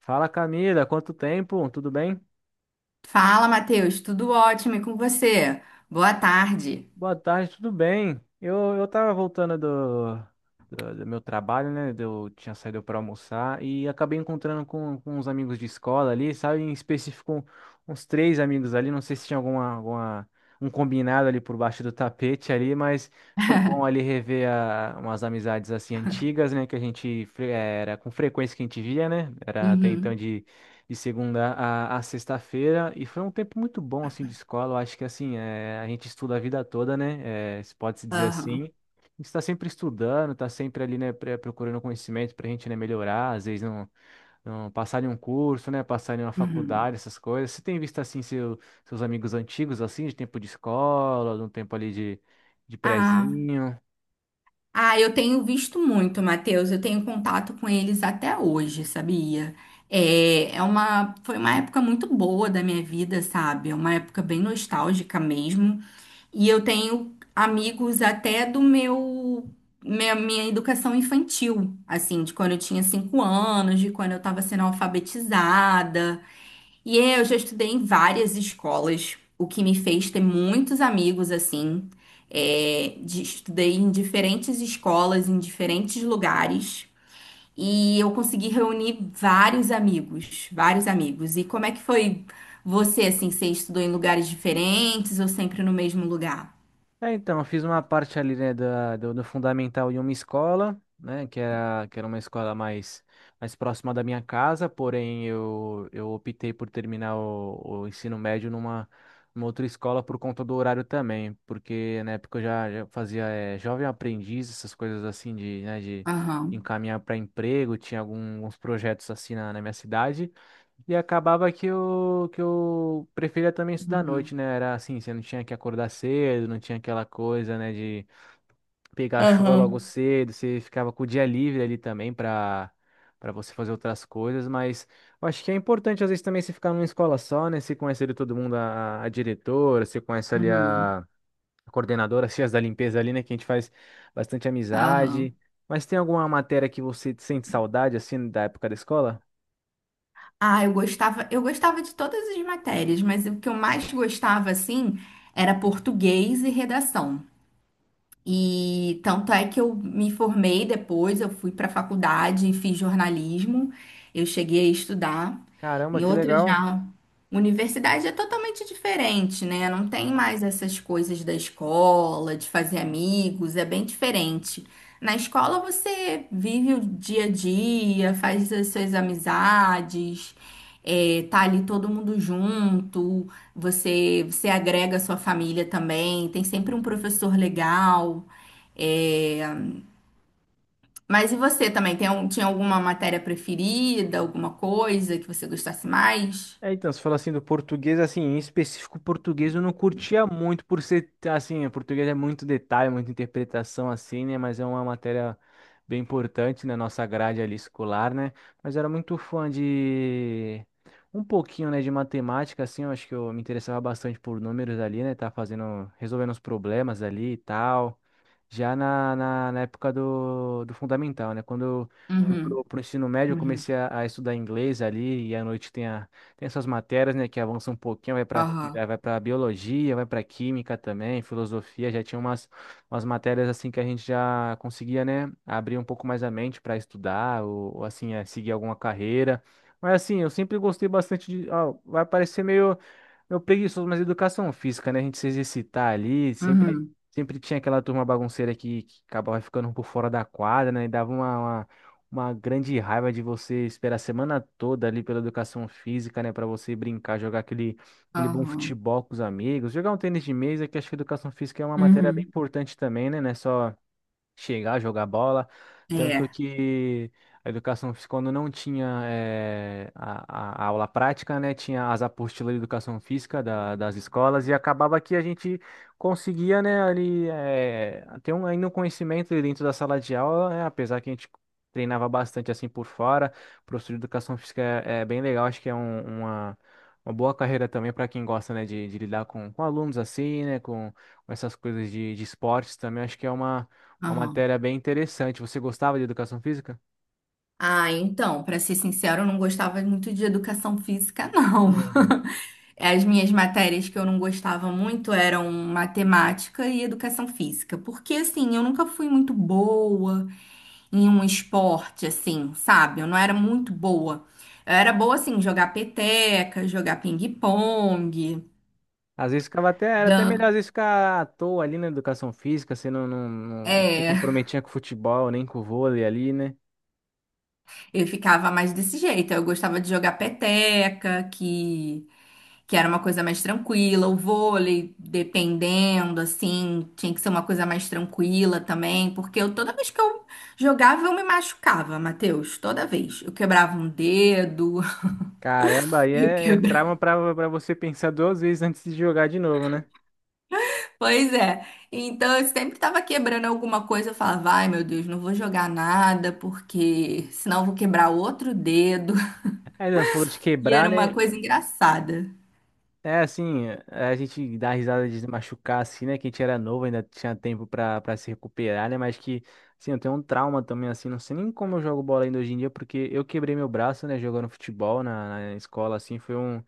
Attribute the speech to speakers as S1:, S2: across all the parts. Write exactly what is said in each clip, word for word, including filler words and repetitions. S1: Fala, Camila, quanto tempo? Tudo bem?
S2: Fala, Matheus, tudo ótimo e com você? Boa tarde.
S1: Boa tarde, tudo bem? Eu, eu tava voltando do, do, do meu trabalho, né? Eu tinha saído para almoçar e acabei encontrando com, com uns amigos de escola ali, sabe? Em específico, um, uns três amigos ali. Não sei se tinha alguma, alguma, um combinado ali por baixo do tapete ali, mas foi bom ali rever a- umas amizades assim antigas, né? Que a gente fre- eh, era com frequência que a gente via, né? Era até então
S2: Uhum.
S1: de segunda a, a sexta-feira e foi um tempo muito bom assim de escola. Eu acho que assim é, a gente estuda a vida toda, né? É, se pode se dizer assim.
S2: Aham.
S1: A gente está sempre estudando, está sempre ali, né, pre- procurando conhecimento para a gente, né, melhorar, às vezes não, não passar em um curso, né, passar em uma
S2: Uhum.
S1: faculdade, essas coisas. Você tem visto assim seu, seus amigos antigos assim de tempo de escola, de um tempo ali de, de
S2: Ah,
S1: prezinho?
S2: ah, eu tenho visto muito, Matheus. Eu tenho contato com eles até hoje, sabia? É, é uma, foi uma época muito boa da minha vida, sabe? É uma época bem nostálgica mesmo. E eu tenho amigos até do meu, minha, minha educação infantil, assim, de quando eu tinha cinco anos, de quando eu estava sendo alfabetizada. E eu já estudei em várias escolas, o que me fez ter muitos amigos assim. É, de- estudei em diferentes escolas, em diferentes lugares, e eu consegui reunir vários amigos, vários amigos. E como é que foi você assim? Você estudou em lugares diferentes ou sempre no mesmo lugar?
S1: É, então, eu fiz uma parte ali, né, da, do, do fundamental em uma escola, né, que era, que era uma escola mais, mais próxima da minha casa, porém eu, eu optei por terminar o, o ensino médio numa, numa outra escola por conta do horário também, porque na época eu já, já fazia eh, jovem aprendiz, essas coisas assim de, né, de
S2: Aham.
S1: encaminhar para emprego, tinha algum- alguns projetos assim na, na minha cidade. E acabava que eu, que eu preferia também estudar à noite,
S2: Uhum.
S1: né? Era assim, você não tinha que acordar cedo, não tinha aquela coisa, né, de pegar a chuva
S2: Aham.
S1: logo cedo, você ficava com o dia livre ali também para para você fazer outras coisas, mas eu acho que é importante às vezes também você ficar numa escola só, né? Você conhece ali todo mundo, a, a diretora, você conhece ali
S2: Uhum.
S1: a, a coordenadora, as tias da limpeza ali, né? Que a gente faz bastante
S2: Aham.
S1: amizade. Mas tem alguma matéria que você sente saudade, assim, da época da escola?
S2: Ah, eu gostava, eu gostava de todas as matérias, mas o que eu mais gostava, assim, era português e redação. E tanto é que eu me formei depois, eu fui para a faculdade e fiz jornalismo. Eu cheguei a estudar
S1: Caramba,
S2: em
S1: que
S2: outra
S1: legal.
S2: já universidade é totalmente diferente, né? Não tem mais essas coisas da escola, de fazer amigos, é bem diferente. Na escola você vive o dia a dia, faz as suas amizades, é, tá ali todo mundo junto, você, você agrega a sua família também, tem sempre um professor legal. É. Mas e você também? Tem, algum- tinha alguma matéria preferida, alguma coisa que você gostasse mais?
S1: É, então, você falou assim do português, assim, em específico o português eu não curtia muito por ser, assim, o português é muito detalhe, muita interpretação, assim, né, mas é uma matéria bem importante na nossa grade ali escolar, né, mas eu era muito fã de um pouquinho, né, de matemática, assim, eu acho que eu me interessava bastante por números ali, né, tá fazendo, resolvendo os problemas ali e tal já na, na, na época do, do fundamental, né? Quando eu fui
S2: Uhum.
S1: pro, pro ensino médio, eu
S2: Uhum.
S1: comecei a, a estudar inglês ali, e à noite tem, a, tem essas matérias, né, que avançam um pouquinho, vai para
S2: Aham.
S1: vai para biologia, vai para química também, filosofia, já tinha umas, umas matérias assim que a gente já conseguia, né, abrir um pouco mais a mente para estudar, ou, ou assim, é, seguir alguma carreira. Mas assim, eu sempre gostei bastante de, ó, vai parecer meio meu preguiçoso, mas educação física, né? A gente se exercitar ali, sempre,
S2: Uhum.
S1: sempre tinha aquela turma bagunceira que, que acabava ficando por fora da quadra, né? E dava uma, uma, uma grande raiva de você esperar a semana toda ali pela educação física, né? Pra você brincar, jogar aquele, aquele bom
S2: Aham.
S1: futebol com os amigos, jogar um tênis de mesa, que acho que educação física é uma matéria bem
S2: Uhum.
S1: importante também, né? Não é só chegar, jogar bola. Tanto
S2: É.
S1: que a educação física, quando não tinha eh, a, a- a aula prática, né, tinha as apostilas de educação física da- das escolas e acabava que a gente conseguia, né, ali eh, ter um, ainda um conhecimento ali dentro da sala de aula, né, apesar que a gente treinava bastante assim por fora. O professor de educação física é, é bem legal, acho que é um- uma, uma boa carreira também para quem gosta, né, de, de lidar com, com alunos assim, né, com, com essas coisas de de esportes também, acho que é uma uma
S2: Aham.
S1: matéria bem interessante. Você gostava de educação física?
S2: Ah, então, para ser sincero, eu não gostava muito de educação física, não.
S1: Hum.
S2: As minhas matérias que eu não gostava muito eram matemática e educação física, porque assim, eu nunca fui muito boa. Em um esporte, assim, sabe? Eu não era muito boa. Eu era boa, assim, jogar peteca, jogar ping-pong.
S1: Às vezes ficava até, era até melhor às
S2: dan...
S1: vezes ficar à toa ali na educação física, você não, não, não se
S2: É,
S1: comprometia com o futebol, nem com o vôlei ali, né?
S2: eu ficava mais desse jeito. Eu gostava de jogar peteca, que, que era uma coisa mais tranquila. O vôlei, dependendo, assim, tinha que ser uma coisa mais tranquila também, porque eu, toda vez que eu jogava, eu me machucava, Matheus. Toda vez. Eu quebrava um dedo,
S1: Caramba, aí
S2: eu
S1: é, é
S2: quebrava.
S1: trauma pra, pra você pensar duas vezes antes de jogar de novo, né?
S2: Pois é. Então eu sempre tava quebrando alguma coisa. Eu falava, ai meu Deus, não vou jogar nada, porque senão eu vou quebrar outro dedo.
S1: Aí não, você falou de
S2: E
S1: quebrar,
S2: era uma
S1: né?
S2: coisa engraçada.
S1: É, assim, é, a gente dá risada de se machucar, assim, né? Que a gente era novo, ainda tinha tempo pra, pra se recuperar, né? Mas que, assim, eu tenho um trauma também, assim, não sei nem como eu jogo bola ainda hoje em dia, porque eu quebrei meu braço, né? Jogando futebol na, na escola, assim, foi um,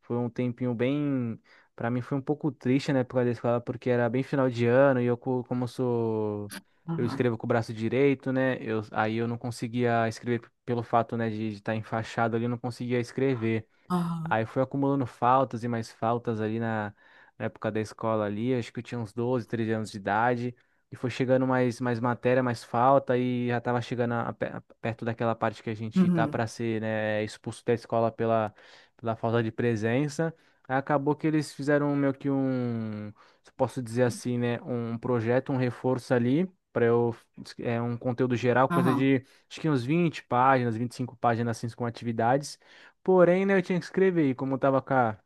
S1: foi um tempinho bem. Pra mim foi um pouco triste, né? Por causa da escola, porque era bem final de ano e eu, co- como eu sou. Eu
S2: Aham.
S1: escrevo com o braço direito, né? Eu, aí eu não conseguia escrever p- pelo fato, né, de estar enfaixado ali, eu não conseguia escrever.
S2: Aham.
S1: Aí fui acumulando faltas e mais faltas ali na, na época da escola ali, acho que eu tinha uns doze, treze anos de idade, e foi chegando mais, mais matéria, mais falta, e já tava chegando a- pe- a- perto daquela parte que a gente tá
S2: Uhum.
S1: para ser, né, expulso da escola pela, pela falta de presença. Aí acabou que eles fizeram meio que um, se posso dizer assim, né, um projeto, um reforço ali, para eu, é um conteúdo geral, coisa
S2: Aham.
S1: de, acho que uns vinte páginas, vinte e cinco páginas, assim, com atividades. Porém, né, eu tinha que escrever, e como eu tava com a,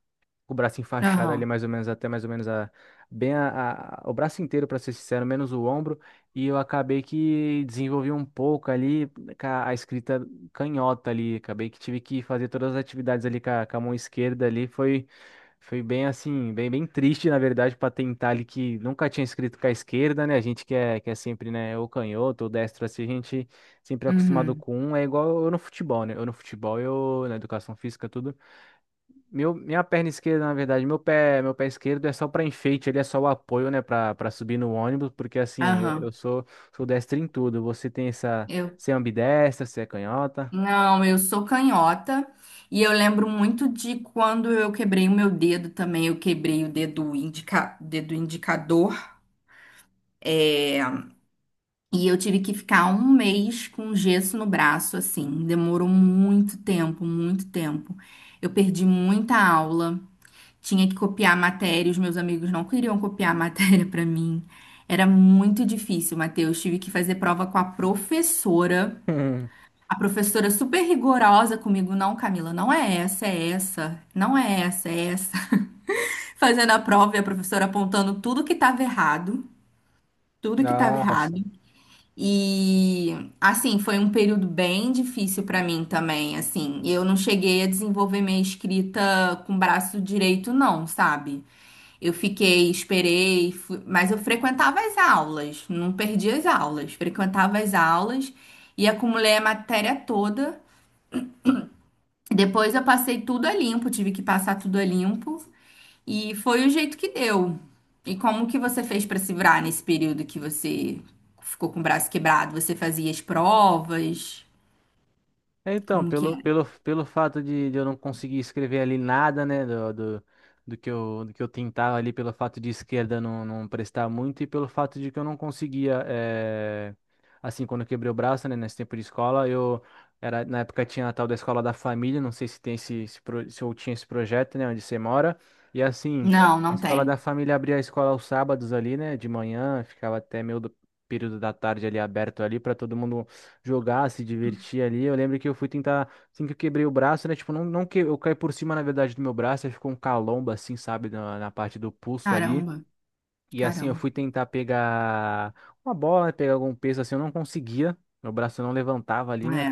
S1: o braço enfaixado ali
S2: Aham.
S1: mais ou menos até mais ou menos a bem a, a- o braço inteiro para ser sincero, menos o ombro, e eu acabei que desenvolvi um pouco ali com a, a escrita canhota ali, acabei que tive que fazer todas as atividades ali com a, com a mão esquerda ali, foi foi bem assim, bem bem triste na verdade para tentar ali que nunca tinha escrito com a esquerda, né? A gente que é que é sempre, né, ou canhoto ou destro assim, a gente sempre é acostumado
S2: Uhum.
S1: com um, é igual eu no futebol, né? Eu no futebol, eu na educação física tudo meu, minha perna esquerda, na verdade, meu pé, meu pé esquerdo é só para enfeite, ele é só o apoio, né, para para subir no ônibus, porque assim, eu, eu
S2: Aham.
S1: sou sou destro em tudo. Você tem essa,
S2: Eu,
S1: você é ambidestra, você é canhota?
S2: não, eu sou canhota. E eu lembro muito de quando eu quebrei o meu dedo também. Eu quebrei o dedo, indica, dedo indicador. É. E eu tive que ficar um mês com gesso no braço, assim. Demorou muito tempo, muito tempo. Eu perdi muita aula, tinha que copiar a matéria, os meus amigos não queriam copiar a matéria pra mim. Era muito difícil, Matheus. Tive que fazer prova com a professora. A professora super rigorosa comigo, não, Camila, não é essa, é essa, não é essa, é essa. Fazendo a prova e a professora apontando tudo que estava errado, tudo que estava
S1: Nossa.
S2: errado. E assim, foi um período bem difícil para mim também, assim. Eu não cheguei a desenvolver minha escrita com o braço direito não, sabe? Eu fiquei, esperei, fui- mas eu frequentava as aulas, não perdi as aulas, frequentava as aulas e acumulei a matéria toda. Depois eu passei tudo a limpo, tive que passar tudo a limpo. E foi o jeito que deu. E como que você fez para se virar nesse período que você ficou com o braço quebrado? Você fazia as provas?
S1: É, então,
S2: Como que
S1: pelo,
S2: era?
S1: pelo, pelo fato de, de eu não conseguir escrever ali nada, né, do, do, do que eu, do que eu tentava ali, pelo fato de esquerda não, não prestar muito e pelo fato de que eu não conseguia, eh, assim, quando eu quebrei o braço, né, nesse tempo de escola, eu, era, na época tinha a tal da escola da família, não sei se tem esse, esse pro- se eu tinha esse projeto, né, onde você mora, e assim,
S2: Não,
S1: a
S2: não
S1: escola da
S2: tem.
S1: família abria a escola aos sábados ali, né, de manhã, ficava até meio do período da tarde ali aberto ali para todo mundo jogar, se divertir ali. Eu lembro que eu fui tentar, assim que eu quebrei o braço, né? Tipo, não, não que eu caí por cima, na verdade, do meu braço, aí ficou um calombo, assim, sabe, na, na parte do pulso ali.
S2: Caramba,
S1: E assim eu
S2: caramba.
S1: fui tentar pegar uma bola, pegar algum peso assim, eu não conseguia. Meu braço não levantava ali, né?
S2: É,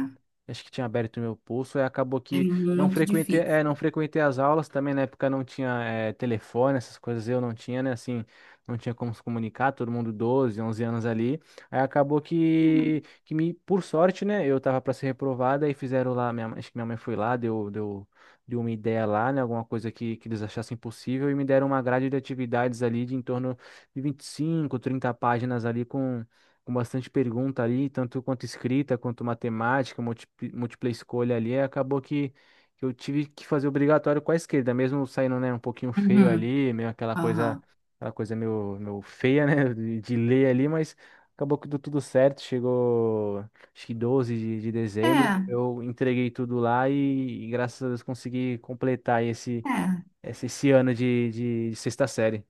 S1: Acho que tinha aberto meu pulso, e acabou
S2: é
S1: que não
S2: muito
S1: frequentei, é, não
S2: difícil.
S1: frequentei as aulas também, na época não tinha é, telefone, essas coisas eu não tinha, né? Assim, não tinha como se comunicar, todo mundo doze onze anos ali. Aí acabou que, que me, por sorte, né? Eu tava para ser reprovada e fizeram lá, minha, mãe- acho que minha mãe foi lá, deu, deu, deu uma ideia lá, né? Alguma coisa que, que eles achassem possível e me deram uma grade de atividades ali de em torno de vinte e cinco trinta páginas ali com, com bastante pergunta ali, tanto quanto escrita, quanto matemática, múltipla, múltipla escolha ali, aí acabou que, que eu tive que fazer obrigatório com a esquerda, mesmo saindo, né, um pouquinho feio
S2: Uhum.
S1: ali, meio aquela coisa,
S2: Aham.
S1: aquela coisa meio, meio feia, né, de, de ler ali, mas acabou que deu tudo certo, chegou acho que doze de, de dezembro,
S2: É,
S1: eu entreguei tudo lá e, e graças a Deus consegui completar esse,
S2: é.
S1: esse, esse ano de, de de sexta série.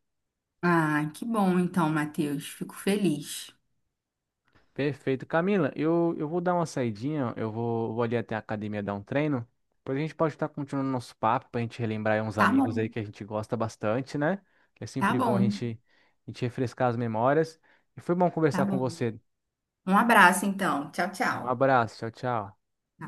S2: Ah, que bom então, Matheus. Fico feliz.
S1: Perfeito. Camila, eu, eu vou dar uma saidinha, eu vou, vou ali até a academia dar um treino. Depois a gente pode estar continuando nosso papo para a gente relembrar aí uns
S2: Tá bom.
S1: amigos aí que a gente gosta bastante, né? Que é
S2: Tá
S1: sempre bom a
S2: bom.
S1: gente, a gente refrescar as memórias. E foi bom
S2: Tá
S1: conversar com
S2: bom.
S1: você.
S2: Um abraço então. Tchau,
S1: Um
S2: tchau.
S1: abraço, tchau, tchau.
S2: Tá.